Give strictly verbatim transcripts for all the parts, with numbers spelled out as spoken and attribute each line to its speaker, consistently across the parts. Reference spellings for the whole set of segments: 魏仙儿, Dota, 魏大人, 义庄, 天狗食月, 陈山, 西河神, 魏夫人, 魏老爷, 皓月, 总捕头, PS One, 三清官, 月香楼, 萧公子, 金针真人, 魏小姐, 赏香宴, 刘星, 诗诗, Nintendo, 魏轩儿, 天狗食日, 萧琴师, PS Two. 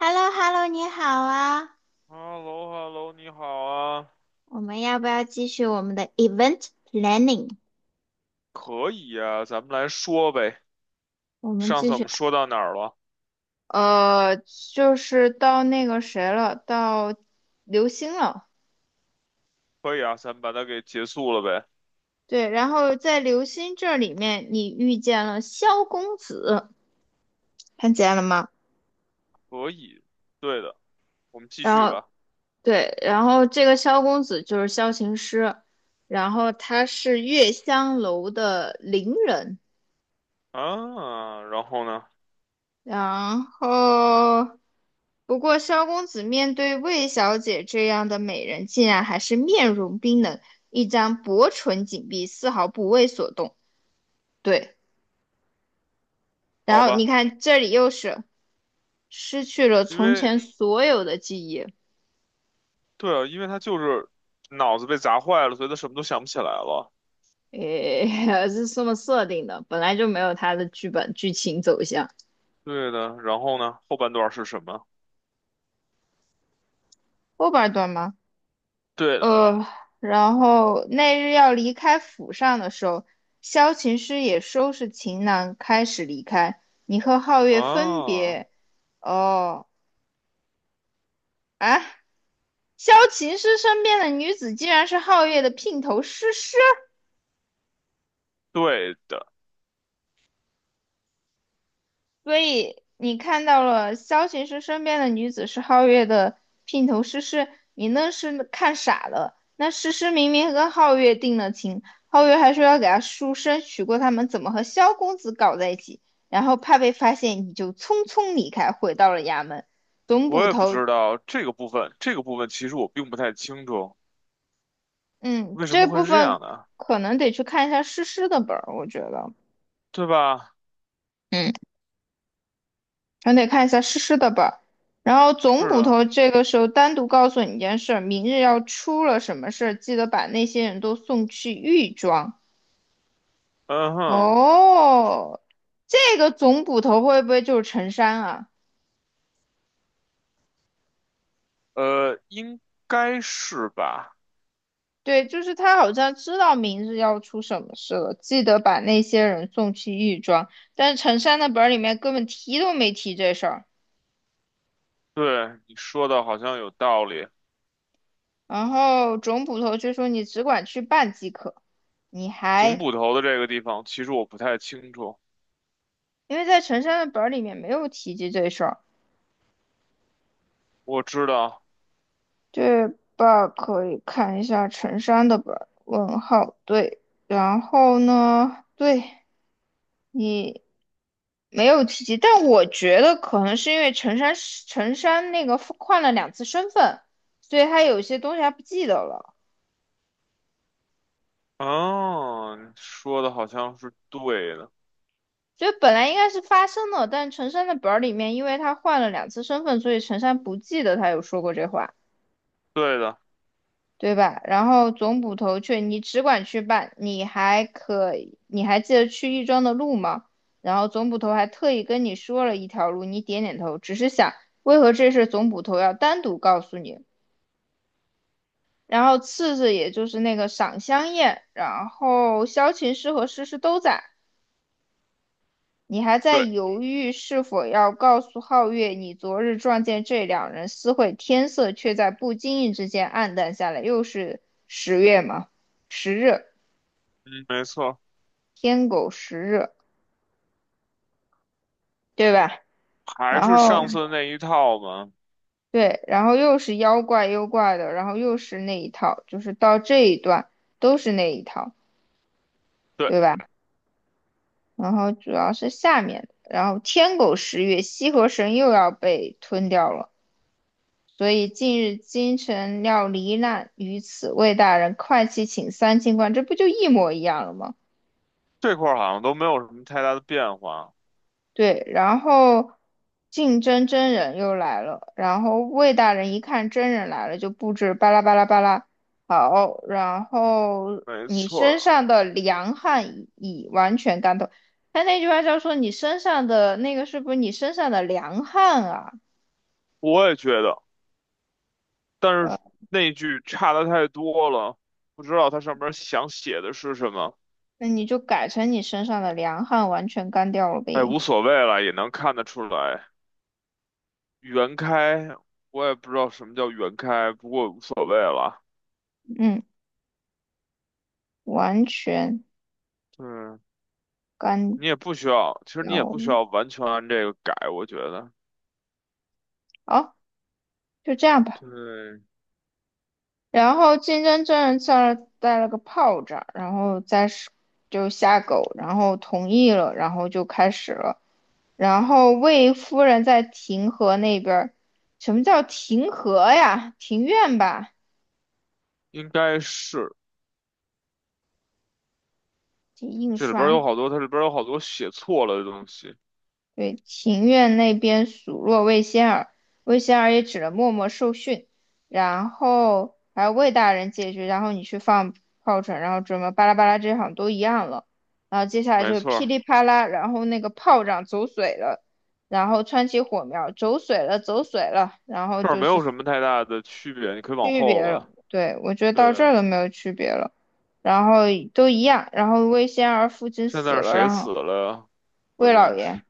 Speaker 1: h e l l o h e l l o 你好啊！
Speaker 2: 哈喽哈喽，你好啊，
Speaker 1: 我们要不要继续我们的 event planning？
Speaker 2: 可以啊，咱们来说呗。
Speaker 1: 我们
Speaker 2: 上
Speaker 1: 继
Speaker 2: 次我
Speaker 1: 续，
Speaker 2: 们说到哪儿了？
Speaker 1: 呃，就是到那个谁了，到刘星了。
Speaker 2: 可以啊，咱们把它给结束了呗。
Speaker 1: 对，然后在刘星这里面，你遇见了萧公子，看见了吗？
Speaker 2: 可以，对的，我们继
Speaker 1: 然
Speaker 2: 续
Speaker 1: 后
Speaker 2: 吧。
Speaker 1: 对，然后这个萧公子就是萧琴师，然后他是月香楼的伶人。
Speaker 2: 啊，然后呢？
Speaker 1: 然后，不过萧公子面对魏小姐这样的美人，竟然还是面容冰冷，一张薄唇紧闭，丝毫不为所动。对，然
Speaker 2: 好
Speaker 1: 后你
Speaker 2: 吧，
Speaker 1: 看这里又是失去了
Speaker 2: 因
Speaker 1: 从
Speaker 2: 为
Speaker 1: 前所有的记忆。
Speaker 2: 对啊，因为他就是脑子被砸坏了，所以他什么都想不起来了。
Speaker 1: 诶，是这么设定的，本来就没有他的剧本剧情走向。
Speaker 2: 对的，然后呢？后半段是什么？
Speaker 1: 后半段吗？
Speaker 2: 对的，
Speaker 1: 呃，然后那日要离开府上的时候，萧琴师也收拾行囊开始离开。你和皓月分
Speaker 2: 啊，
Speaker 1: 别，哦，啊，萧琴师身边的女子竟然是皓月的姘头诗诗。
Speaker 2: 对的，
Speaker 1: 所以你看到了萧琴师身边的女子是皓月的姘头诗诗，你那是看傻了。那诗诗明明跟皓月定了情，皓月还说要给她赎身，娶过他们怎么和萧公子搞在一起，然后怕被发现，你就匆匆离开，回到了衙门。总
Speaker 2: 我
Speaker 1: 捕
Speaker 2: 也不
Speaker 1: 头，
Speaker 2: 知道这个部分，这个部分其实我并不太清楚，
Speaker 1: 嗯，
Speaker 2: 为什
Speaker 1: 这
Speaker 2: 么会
Speaker 1: 部
Speaker 2: 是这样
Speaker 1: 分
Speaker 2: 的啊，
Speaker 1: 可能得去看一下诗诗的本儿，我觉得。
Speaker 2: 对吧？
Speaker 1: 嗯。还得看一下诗诗的吧。然后总
Speaker 2: 是
Speaker 1: 捕
Speaker 2: 的。
Speaker 1: 头这个时候单独告诉你一件事儿，明日要出了什么事儿，记得把那些人都送去狱庄。
Speaker 2: 嗯哼，
Speaker 1: 哦，这个总捕头会不会就是陈山啊？
Speaker 2: 呃，应该是吧？
Speaker 1: 对，就是他好像知道明日要出什么事了，记得把那些人送去狱庄。但是陈山的本儿里面根本提都没提这事儿。
Speaker 2: 对，你说的好像有道理。
Speaker 1: 然后总捕头却说："你只管去办即可。"你
Speaker 2: 总
Speaker 1: 还
Speaker 2: 捕头的这个地方，其实我不太清楚。
Speaker 1: 因为在陈山的本儿里面没有提及这事儿，
Speaker 2: 我知道，
Speaker 1: 这 b 可以看一下陈山的本儿。问号对，然后呢？对你没有提及，但我觉得可能是因为陈山陈山那个换了两次身份，所以他有些东西他不记得了。
Speaker 2: 哦，你说的好像是对的，
Speaker 1: 所以本来应该是发生了，但陈山的本儿里面，因为他换了两次身份，所以陈山不记得他有说过这话。
Speaker 2: 对的，
Speaker 1: 对吧？然后总捕头却你只管去办，你还可你还记得去亦庄的路吗？然后总捕头还特意跟你说了一条路，你点点头，只是想为何这事总捕头要单独告诉你？然后次日也就是那个赏香宴，然后萧琴师和诗诗都在，你还在
Speaker 2: 对，
Speaker 1: 犹豫是否要告诉皓月你昨日撞见这两人私会，天色却在不经意之间暗淡下来，又是十月嘛，十日。
Speaker 2: 嗯，没错，
Speaker 1: 天狗食日，对吧？
Speaker 2: 还
Speaker 1: 然
Speaker 2: 是
Speaker 1: 后
Speaker 2: 上次那一套嘛。
Speaker 1: 对，然后又是妖怪妖怪的，然后又是那一套，就是到这一段都是那一套，
Speaker 2: 对，
Speaker 1: 对吧？然后主要是下面，然后天狗食月，西河神又要被吞掉了，所以近日京城要罹难于此，魏大人快去请三清官，这不就一模一样了吗？
Speaker 2: 这块儿好像都没有什么太大的变化。
Speaker 1: 对，然后竞争真人又来了，然后魏大人一看真人来了，就布置巴拉巴拉巴拉，好，然后
Speaker 2: 没
Speaker 1: 你
Speaker 2: 错
Speaker 1: 身
Speaker 2: 儿，
Speaker 1: 上的凉汗已完全干透。他那句话叫说你身上的那个是不是你身上的凉汗啊？
Speaker 2: 我也觉得，但
Speaker 1: 呃，
Speaker 2: 是那句差的太多了，不知道它上面想写的是什么。
Speaker 1: 那你就改成你身上的凉汗完全干掉了
Speaker 2: 哎，
Speaker 1: 呗。
Speaker 2: 无所谓了，也能看得出来。原开，我也不知道什么叫原开，不过无所谓了。
Speaker 1: 嗯，完全
Speaker 2: 对，
Speaker 1: 干
Speaker 2: 你也不需要，其实你也
Speaker 1: 掉了。
Speaker 2: 不需要完全按这个改，我觉得。
Speaker 1: 好，就这样吧。
Speaker 2: 对，
Speaker 1: 然后金针真人在那儿带了个炮仗，然后再是就下狗，然后同意了，然后就开始了。然后魏夫人在庭和那边儿，什么叫庭和呀？庭院吧，
Speaker 2: 应该是
Speaker 1: 这印
Speaker 2: 这里边儿有
Speaker 1: 刷。
Speaker 2: 好多，它里边儿有好多写错了的东西。
Speaker 1: 对，庭院那边数落魏仙儿，魏仙儿也只能默默受训，然后还有魏大人解决，然后你去放炮仗，然后什么巴拉巴拉这些好像都一样了。然后接下来
Speaker 2: 没
Speaker 1: 就是
Speaker 2: 错
Speaker 1: 噼
Speaker 2: 儿，
Speaker 1: 里啪啦，然后那个炮仗走水了，然后窜起火苗，走水了，走水了，然后
Speaker 2: 这儿
Speaker 1: 就
Speaker 2: 没
Speaker 1: 是
Speaker 2: 有什么太大的区别，你可以往后了。
Speaker 1: 对，我觉得到这
Speaker 2: 对，
Speaker 1: 儿都没有区别了，然后都一样，然后魏仙儿父亲
Speaker 2: 现
Speaker 1: 死
Speaker 2: 在是
Speaker 1: 了，
Speaker 2: 谁
Speaker 1: 然后
Speaker 2: 死了？呀？关
Speaker 1: 魏老
Speaker 2: 键是
Speaker 1: 爷。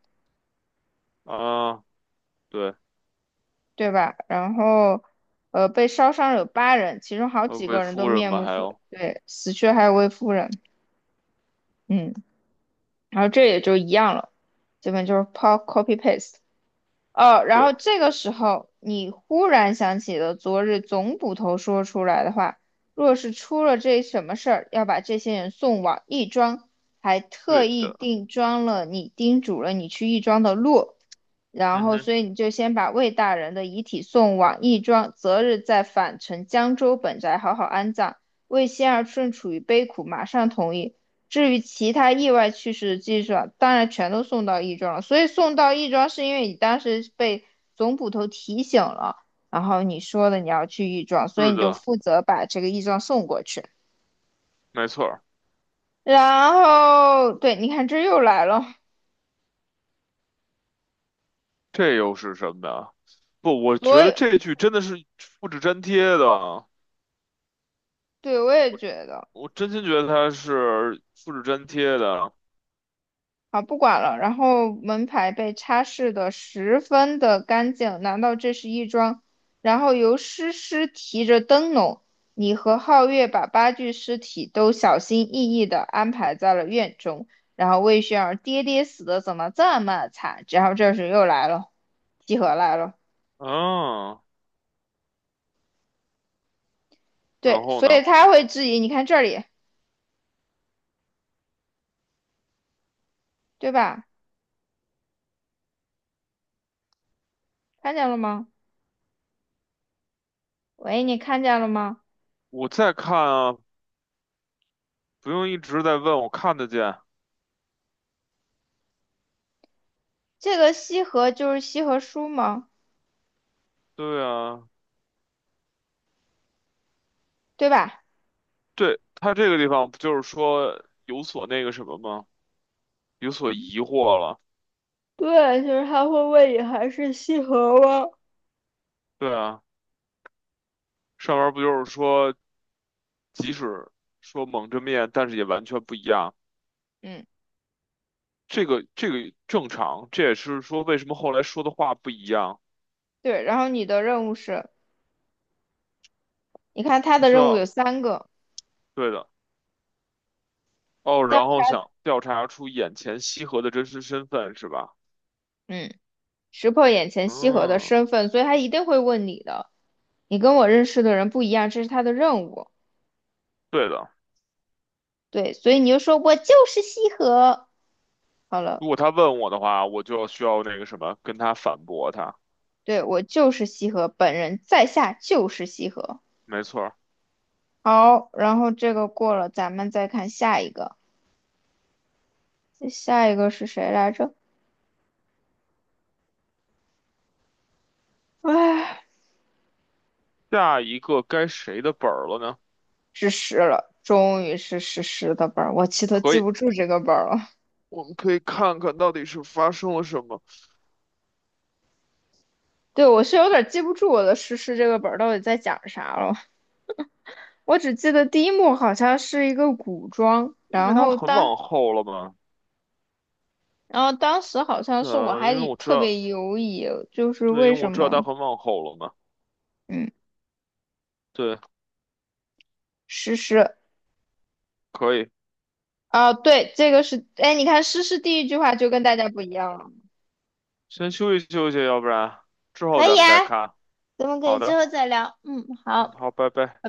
Speaker 2: 啊，对，
Speaker 1: 对吧？然后，呃，被烧伤有八人，其中好
Speaker 2: 呃，
Speaker 1: 几
Speaker 2: 未
Speaker 1: 个人都
Speaker 2: 夫人
Speaker 1: 面
Speaker 2: 吧，
Speaker 1: 目
Speaker 2: 还
Speaker 1: 全
Speaker 2: 有，
Speaker 1: 对，死去还有位夫人。嗯，然后这也就一样了，基本就是 po- copy paste。哦，然
Speaker 2: 对，
Speaker 1: 后这个时候你忽然想起了昨日总捕头说出来的话，若是出了这什么事儿，要把这些人送往亦庄，还特
Speaker 2: 对
Speaker 1: 意
Speaker 2: 的，
Speaker 1: 定庄了你，叮嘱了你去亦庄的路。然
Speaker 2: 嗯
Speaker 1: 后，
Speaker 2: 哼，
Speaker 1: 所以你就先把魏大人的遗体送往义庄，择日再返程江州本宅好好安葬。魏仙儿正处于悲苦，马上同意。至于其他意外去世的记者，当然全都送到义庄了。所以送到义庄是因为你当时被总捕头提醒了，然后你说的你要去义庄，所以
Speaker 2: 是
Speaker 1: 你就
Speaker 2: 的，
Speaker 1: 负责把这个义庄送过去。
Speaker 2: 没错儿，
Speaker 1: 然后，对，你看这又来了，
Speaker 2: 这又是什么呀？不，我
Speaker 1: 所
Speaker 2: 觉得
Speaker 1: 以
Speaker 2: 这句真的是复制粘贴的，
Speaker 1: 对我也觉得。
Speaker 2: 我真心觉得它是复制粘贴的。
Speaker 1: 好，不管了。然后门牌被擦拭得十分的干净，难道这是一桩？然后由诗诗提着灯笼，你和皓月把八具尸体都小心翼翼地安排在了院中。然后魏轩儿爹爹死的怎么这么惨？然后这时又来了，集合来了。
Speaker 2: 嗯，然
Speaker 1: 对，
Speaker 2: 后
Speaker 1: 所以
Speaker 2: 呢，
Speaker 1: 他会质疑，你看这里，对吧？看见了吗？喂，你看见了吗？
Speaker 2: 我再看啊，不用一直在问，我看得见。
Speaker 1: 这个西河就是西河书吗？
Speaker 2: 对啊，
Speaker 1: 对吧？
Speaker 2: 对，它这个地方不就是说有所那个什么吗？有所疑惑了。
Speaker 1: 对，就是他会问你还是西河吗？
Speaker 2: 对啊，上面不就是说，即使说蒙着面，但是也完全不一样。
Speaker 1: 嗯，
Speaker 2: 这个这个正常，这也是说为什么后来说的话不一样。
Speaker 1: 对。然后你的任务是，你看他
Speaker 2: 他
Speaker 1: 的
Speaker 2: 需
Speaker 1: 任务
Speaker 2: 要，
Speaker 1: 有三个，
Speaker 2: 对的，哦，
Speaker 1: 第二，
Speaker 2: 然后想调查出眼前西河的真实身份是吧？
Speaker 1: 嗯，识破眼前西河的
Speaker 2: 嗯，
Speaker 1: 身份，所以他一定会问你的。你跟我认识的人不一样，这是他的任务。
Speaker 2: 对的。
Speaker 1: 对，所以你就说我就是西河。好了，
Speaker 2: 如果他问我的话，我就需要那个什么，跟他反驳他。
Speaker 1: 对，我就是西河，本人在下就是西河。
Speaker 2: 没错儿，
Speaker 1: 好，然后这个过了，咱们再看下一个。下一个是谁来着？哎。
Speaker 2: 下一个该谁的本儿了呢？
Speaker 1: 是十了，终于是诗诗的本儿，我其实
Speaker 2: 可
Speaker 1: 记
Speaker 2: 以，
Speaker 1: 不住这个本儿了。
Speaker 2: 我们可以看看到底是发生了什么，
Speaker 1: 对，我是有点记不住我的诗诗这个本儿到底在讲啥了。我只记得第一幕好像是一个古装，
Speaker 2: 因为
Speaker 1: 然
Speaker 2: 他
Speaker 1: 后
Speaker 2: 很
Speaker 1: 当
Speaker 2: 往后了嘛。
Speaker 1: 然后当时好像
Speaker 2: 对
Speaker 1: 是我
Speaker 2: 啊，
Speaker 1: 还
Speaker 2: 因为
Speaker 1: 以
Speaker 2: 我知
Speaker 1: 特
Speaker 2: 道，
Speaker 1: 别犹疑，就是
Speaker 2: 对，
Speaker 1: 为
Speaker 2: 因为
Speaker 1: 什
Speaker 2: 我知道他
Speaker 1: 么
Speaker 2: 很往后了嘛。
Speaker 1: 嗯
Speaker 2: 对，
Speaker 1: 诗诗
Speaker 2: 可以，
Speaker 1: 啊对这个是哎你看诗诗第一句话就跟大家不一样了，
Speaker 2: 先休息休息，要不然之后
Speaker 1: 可
Speaker 2: 咱
Speaker 1: 以
Speaker 2: 们再
Speaker 1: 啊，
Speaker 2: 看。
Speaker 1: 咱们可
Speaker 2: 好
Speaker 1: 以之
Speaker 2: 的，
Speaker 1: 后再聊，嗯
Speaker 2: 嗯，
Speaker 1: 好。
Speaker 2: 好，拜拜。